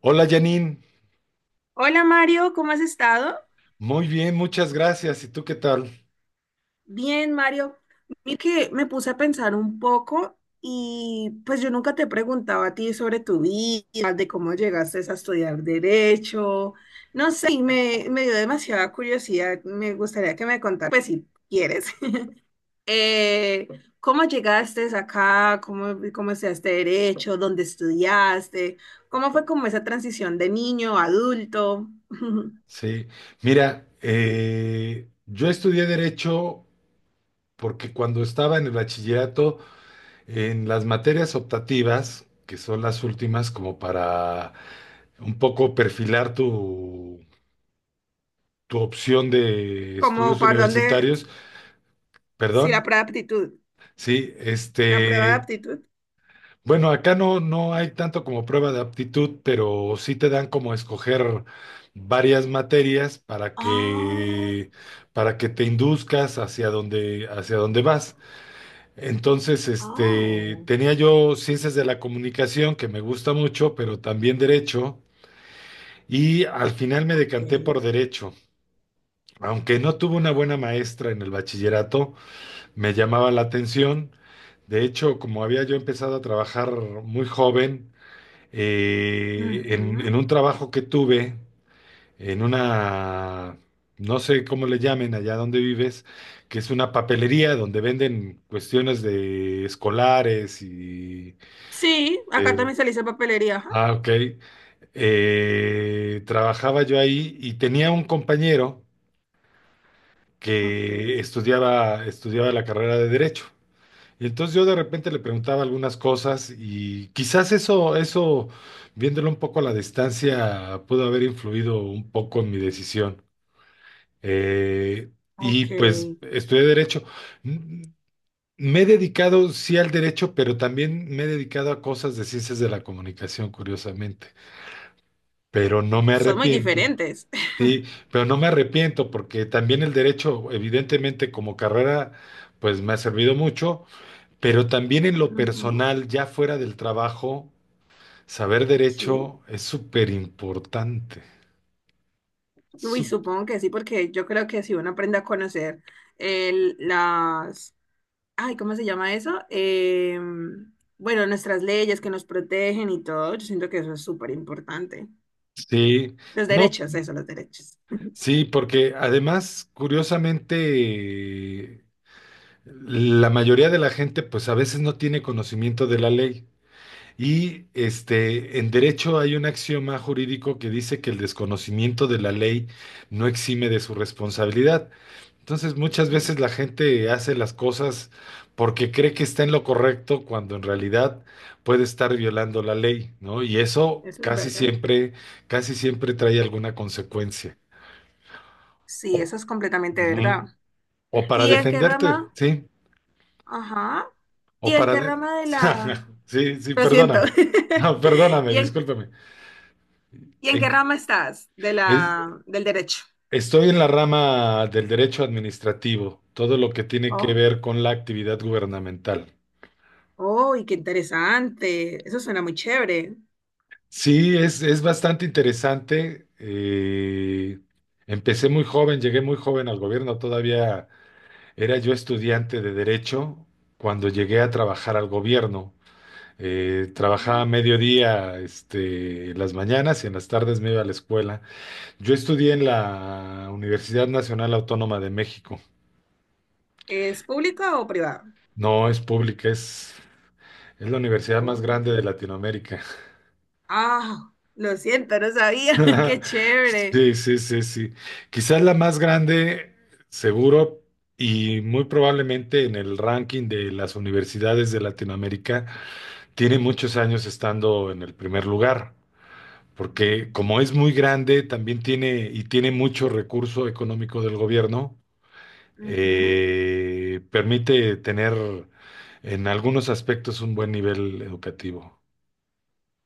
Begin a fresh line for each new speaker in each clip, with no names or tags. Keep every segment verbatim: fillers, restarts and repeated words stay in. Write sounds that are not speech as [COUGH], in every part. Hola Janine,
Hola Mario, ¿cómo has estado?
muy bien, muchas gracias. ¿Y tú qué tal?
Bien, Mario. Mira que me puse a pensar un poco y pues yo nunca te he preguntado a ti sobre tu vida, de cómo llegaste a estudiar derecho. No sé, y me, me dio demasiada curiosidad. Me gustaría que me contaras, pues si quieres, [LAUGHS] eh, cómo llegaste acá, cómo, cómo estudiaste derecho, dónde estudiaste, cómo fue como esa transición de niño a adulto. [LAUGHS]
Sí, mira, eh, yo estudié derecho porque cuando estaba en el bachillerato, en las materias optativas, que son las últimas como para un poco perfilar tu, tu opción de
¿Como
estudios
para dónde,
universitarios,
si la
perdón,
pura aptitud?
sí,
La prueba de
este,
aptitud.
bueno, acá no, no hay tanto como prueba de aptitud, pero sí te dan como escoger varias materias para
Oh,
que, para que te induzcas hacia donde, hacia donde vas. Entonces, este,
oh,
tenía yo ciencias de la comunicación, que me gusta mucho, pero también derecho, y al final me
ok.
decanté por derecho. Aunque no tuve una buena maestra en el bachillerato, me llamaba la atención. De hecho, como había yo empezado a trabajar muy joven, eh, en,
Ujú.
en un trabajo que tuve, en una, no sé cómo le llamen allá donde vives, que es una papelería donde venden cuestiones de escolares y...
Sí, acá
eh,
también se le dice papelería. Ajá.
ah, ok. Eh, trabajaba yo ahí y tenía un compañero
Ok,
que estudiaba, estudiaba la carrera de Derecho. Y entonces yo de repente le preguntaba algunas cosas y quizás eso, eso, viéndolo un poco a la distancia, pudo haber influido un poco en mi decisión. Eh, y
ok.
pues estudié derecho. Mm, mm, Me he dedicado sí al derecho, pero también me he dedicado a cosas de ciencias de la comunicación, curiosamente. Pero no me
Son muy
arrepiento.
diferentes.
Sí, pero no me arrepiento porque también el derecho, evidentemente como carrera, pues me ha servido mucho, pero también en lo
Ujú.
personal, ya fuera del trabajo, saber
Sí.
derecho es súper importante.
Uy,
Sup-
supongo que sí, porque yo creo que si uno aprende a conocer el- las, ay, ¿cómo se llama eso? Em, bueno, nuestras leyes que nos protegen y todo, yo siento que eso es súper importante.
Sí,
Los
no,
derechos, eso, los derechos.
sí, porque además, curiosamente, la mayoría de la gente, pues a veces no tiene conocimiento de la ley. Y este, en derecho hay un axioma jurídico que dice que el desconocimiento de la ley no exime de su responsabilidad. Entonces, muchas veces la
[LAUGHS]
gente hace las cosas porque cree que está en lo correcto cuando en realidad puede estar violando la ley, ¿no? Y eso
Eso es
casi
verdad.
siempre, casi siempre trae alguna consecuencia.
Sí,
O,
eso es completamente
Ujú.
verdad.
O para
¿Y en qué
defenderte,
rama?
¿sí?
Ajá.
O
¿Y en
para...
qué
de-
rama de la...
[LAUGHS] Sí, sí,
Lo siento.
perdóname.
[LAUGHS]
No, perdóname,
¿Y en,
discúlpame.
y en
En-
qué rama estás de
es-
la, del derecho?
estoy en la rama del derecho administrativo, todo lo que tiene que
Oh,
ver con la actividad gubernamental.
oh, y qué interesante. Eso suena muy chévere.
Sí, es, es bastante interesante. Eh, empecé muy joven, llegué muy joven al gobierno, todavía era yo estudiante de derecho cuando llegué a trabajar al gobierno. Eh, trabajaba a
Oh.
mediodía, este, en las mañanas y en las tardes me iba a la escuela. Yo estudié en la Universidad Nacional Autónoma de México.
¿Es pública o privada?
No es pública, es, es la universidad más
Oh.
grande de Latinoamérica.
Ah, lo siento, no sabía. [LAUGHS]
[LAUGHS]
Qué chévere.
Sí, sí, sí, sí. Quizás la más grande, seguro, y muy probablemente en el ranking de las universidades de Latinoamérica, tiene muchos años estando en el primer lugar, porque como es muy grande, también tiene y tiene mucho recurso económico del gobierno,
Ujú.
eh, permite tener en algunos aspectos un buen nivel educativo.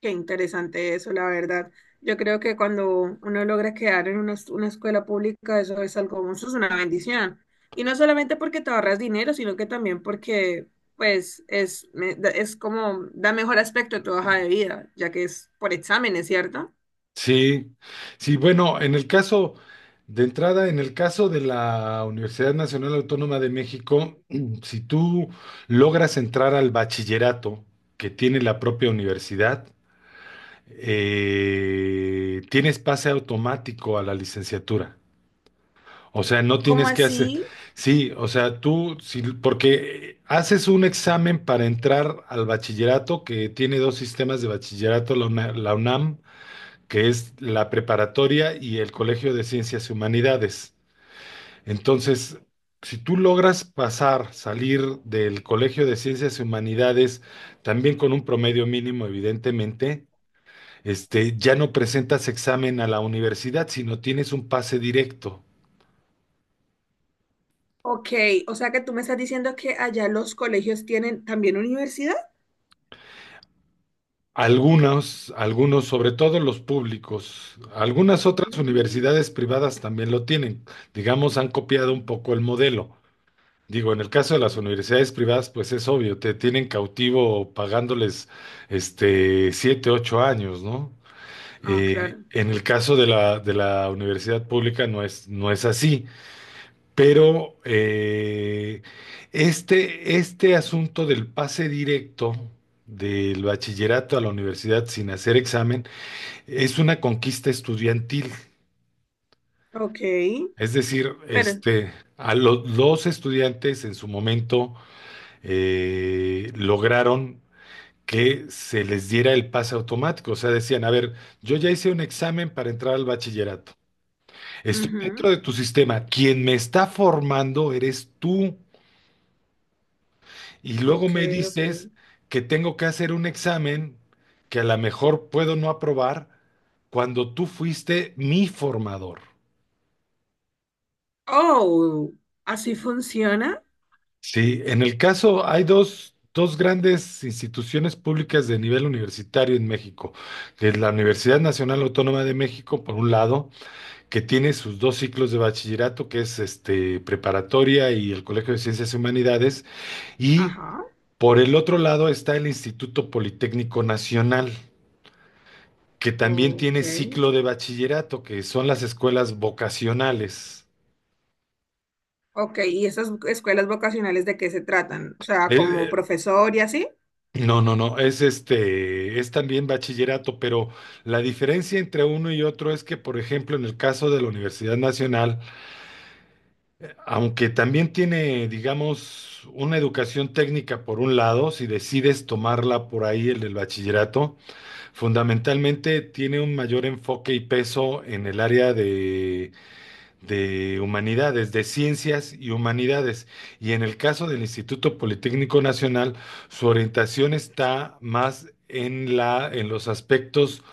Qué interesante eso, la verdad. Yo creo que cuando uno logra quedar en una, es- una escuela pública, eso es algo, eso es una bendición. Y no solamente porque te ahorras dinero, sino que también porque, pues, es, me- da- es como, da mejor aspecto a tu hoja de vida, ya que es por exámenes, ¿cierto?
Sí, sí, bueno, en el caso de entrada, en el caso de la Universidad Nacional Autónoma de México, [CLEARS THROAT] si tú logras entrar al bachillerato que tiene la propia universidad, eh, tienes pase automático a la licenciatura. O sea, no
¿Cómo
tienes que hacer,
así?
sí, o sea, tú, sí, porque haces un examen para entrar al bachillerato que tiene dos sistemas de bachillerato, la UNA- la UNAM, que es la preparatoria y el Colegio de Ciencias y Humanidades. Entonces, si tú logras pasar, salir del Colegio de Ciencias y Humanidades, también con un promedio mínimo, evidentemente, este, ya no presentas examen a la universidad, sino tienes un pase directo.
Ok, o sea que tú me estás diciendo que allá los colegios tienen también universidad.
Algunos, algunos, sobre todo los públicos, algunas
Oh,
otras universidades privadas también lo tienen. Digamos, han copiado un poco el modelo. Digo, en el caso de
ok.
las universidades privadas, pues es obvio, te tienen cautivo pagándoles este siete, ocho años, ¿no?
Ah,
Eh,
claro.
en el caso de la, de la universidad pública no es, no es así. Pero eh, este, este asunto del pase directo del bachillerato a la universidad sin hacer examen es una conquista estudiantil.
Ok,
Es decir,
pero,
este, a lo- los estudiantes en su momento eh, lograron que se les diera el pase automático. O sea, decían, a ver, yo ya hice un examen para entrar al bachillerato. Estoy dentro
ujú.
de tu sistema. Quien me está formando eres tú. Y luego
Ok,
me
ok.
dices que tengo que hacer un examen que a lo mejor puedo no aprobar cuando tú fuiste mi formador.
Oh, así funciona.
Sí, en el caso hay dos, dos grandes instituciones públicas de nivel universitario en México, que es la Universidad Nacional Autónoma de México, por un lado, que tiene sus dos ciclos de bachillerato, que es este, preparatoria y el Colegio de Ciencias y Humanidades, y
Ajá,
por el otro lado está el Instituto Politécnico Nacional, que también
ok.
tiene ciclo de bachillerato, que son las escuelas vocacionales.
Ok, ¿y esas escuelas vocacionales de qué se tratan? O sea,
Eh,
como
eh,
profesor y así.
No, no, no, es este, es también bachillerato, pero la diferencia entre uno y otro es que, por ejemplo, en el caso de la Universidad Nacional, aunque también tiene, digamos, una educación técnica por un lado, si decides tomarla por ahí, el del bachillerato, fundamentalmente tiene un mayor enfoque y peso en el área de de humanidades, de ciencias y humanidades. Y en el caso del Instituto Politécnico Nacional, su orientación está más en la, en los aspectos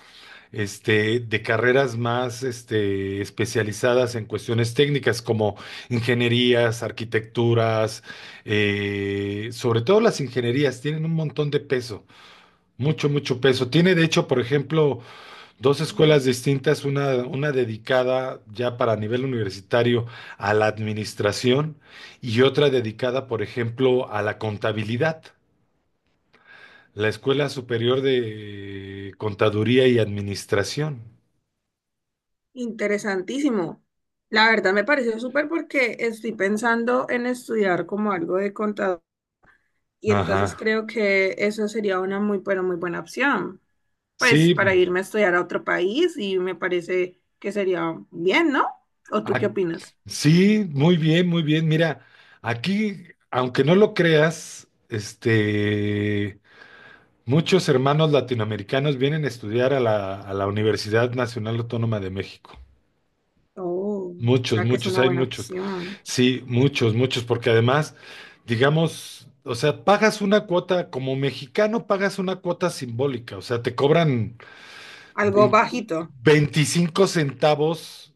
este, de carreras más este, especializadas en cuestiones técnicas como ingenierías, arquitecturas, eh, sobre todo las ingenierías tienen un montón de peso, mucho, mucho peso. Tiene de hecho, por ejemplo, dos escuelas
Ah,
distintas, una, una dedicada ya para nivel universitario a la administración y otra dedicada, por ejemplo, a la contabilidad, la Escuela Superior de Contaduría y Administración.
interesantísimo. La verdad me pareció súper porque estoy pensando en estudiar como algo de contador y entonces
Ajá.
creo que eso sería una muy, pero muy buena opción. Pues para
Sí,
irme a estudiar a otro país y me parece que sería bien, ¿no? ¿O tú qué
ac-
opinas?
sí, muy bien, muy bien. Mira, aquí, aunque no lo creas, este, muchos hermanos latinoamericanos vienen a estudiar a la, a la Universidad Nacional Autónoma de México.
Oh, o
Muchos,
sea que es
muchos,
una
hay
buena
muchos.
opción.
Sí, muchos, muchos, porque además, digamos, o sea, pagas una cuota, como mexicano pagas una cuota simbólica, o sea, te cobran
Algo
vein-
bajito.
veinticinco centavos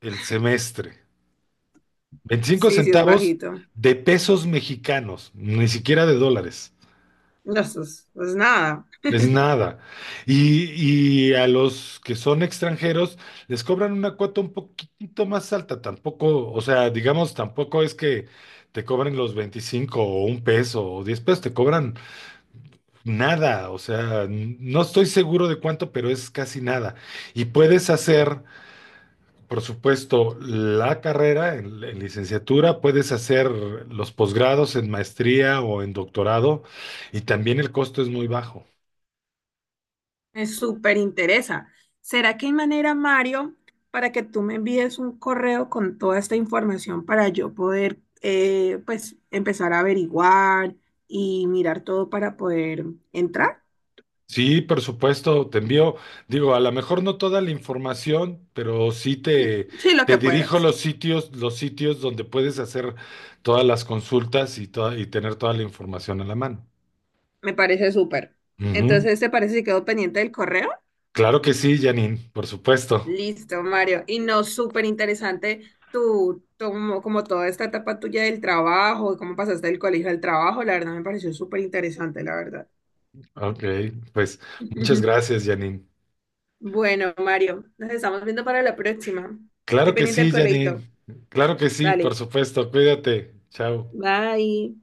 el semestre, veinticinco
Sí, sí, es
centavos
bajito.
de pesos mexicanos, ni siquiera de dólares.
No, eso es, pues nada.
Es nada. Y, y a los que son extranjeros les cobran una cuota un poquitito más alta. Tampoco, o sea, digamos, tampoco es que te cobren los veinticinco o un peso o diez pesos, te cobran nada. O sea, n- no estoy seguro de cuánto, pero es casi nada. Y puedes hacer, por supuesto, la carrera en, en licenciatura, puedes hacer los posgrados en maestría o en doctorado y también el costo es muy bajo.
Me súper interesa. ¿Será que hay manera, Mario, para que tú me envíes un correo con toda esta información para yo poder, eh, pues, empezar a averiguar y mirar todo para poder entrar?
Sí, por supuesto, te envío, digo, a lo mejor no toda la información, pero sí
Mm.
te,
Sí, lo
te
que
dirijo
puedas.
los sitios, los sitios donde puedes hacer todas las consultas y, toda- y tener toda la información a la mano.
Me parece súper.
Ujú.
Entonces, ¿te parece si quedo pendiente del correo?
Claro que sí, Janine, por supuesto.
Listo, Mario. Y no, súper interesante tu, tu- como, como toda esta etapa tuya del trabajo, cómo pasaste del colegio al trabajo, la verdad me pareció súper interesante, la verdad.
Ok, pues muchas
[LAUGHS]
gracias, Janine.
Bueno, Mario, nos estamos viendo para la próxima. Estoy
Claro que
pendiente del
sí,
correíto.
Janine. Claro que sí, por
Dale,
supuesto. Cuídate. Chao.
bye.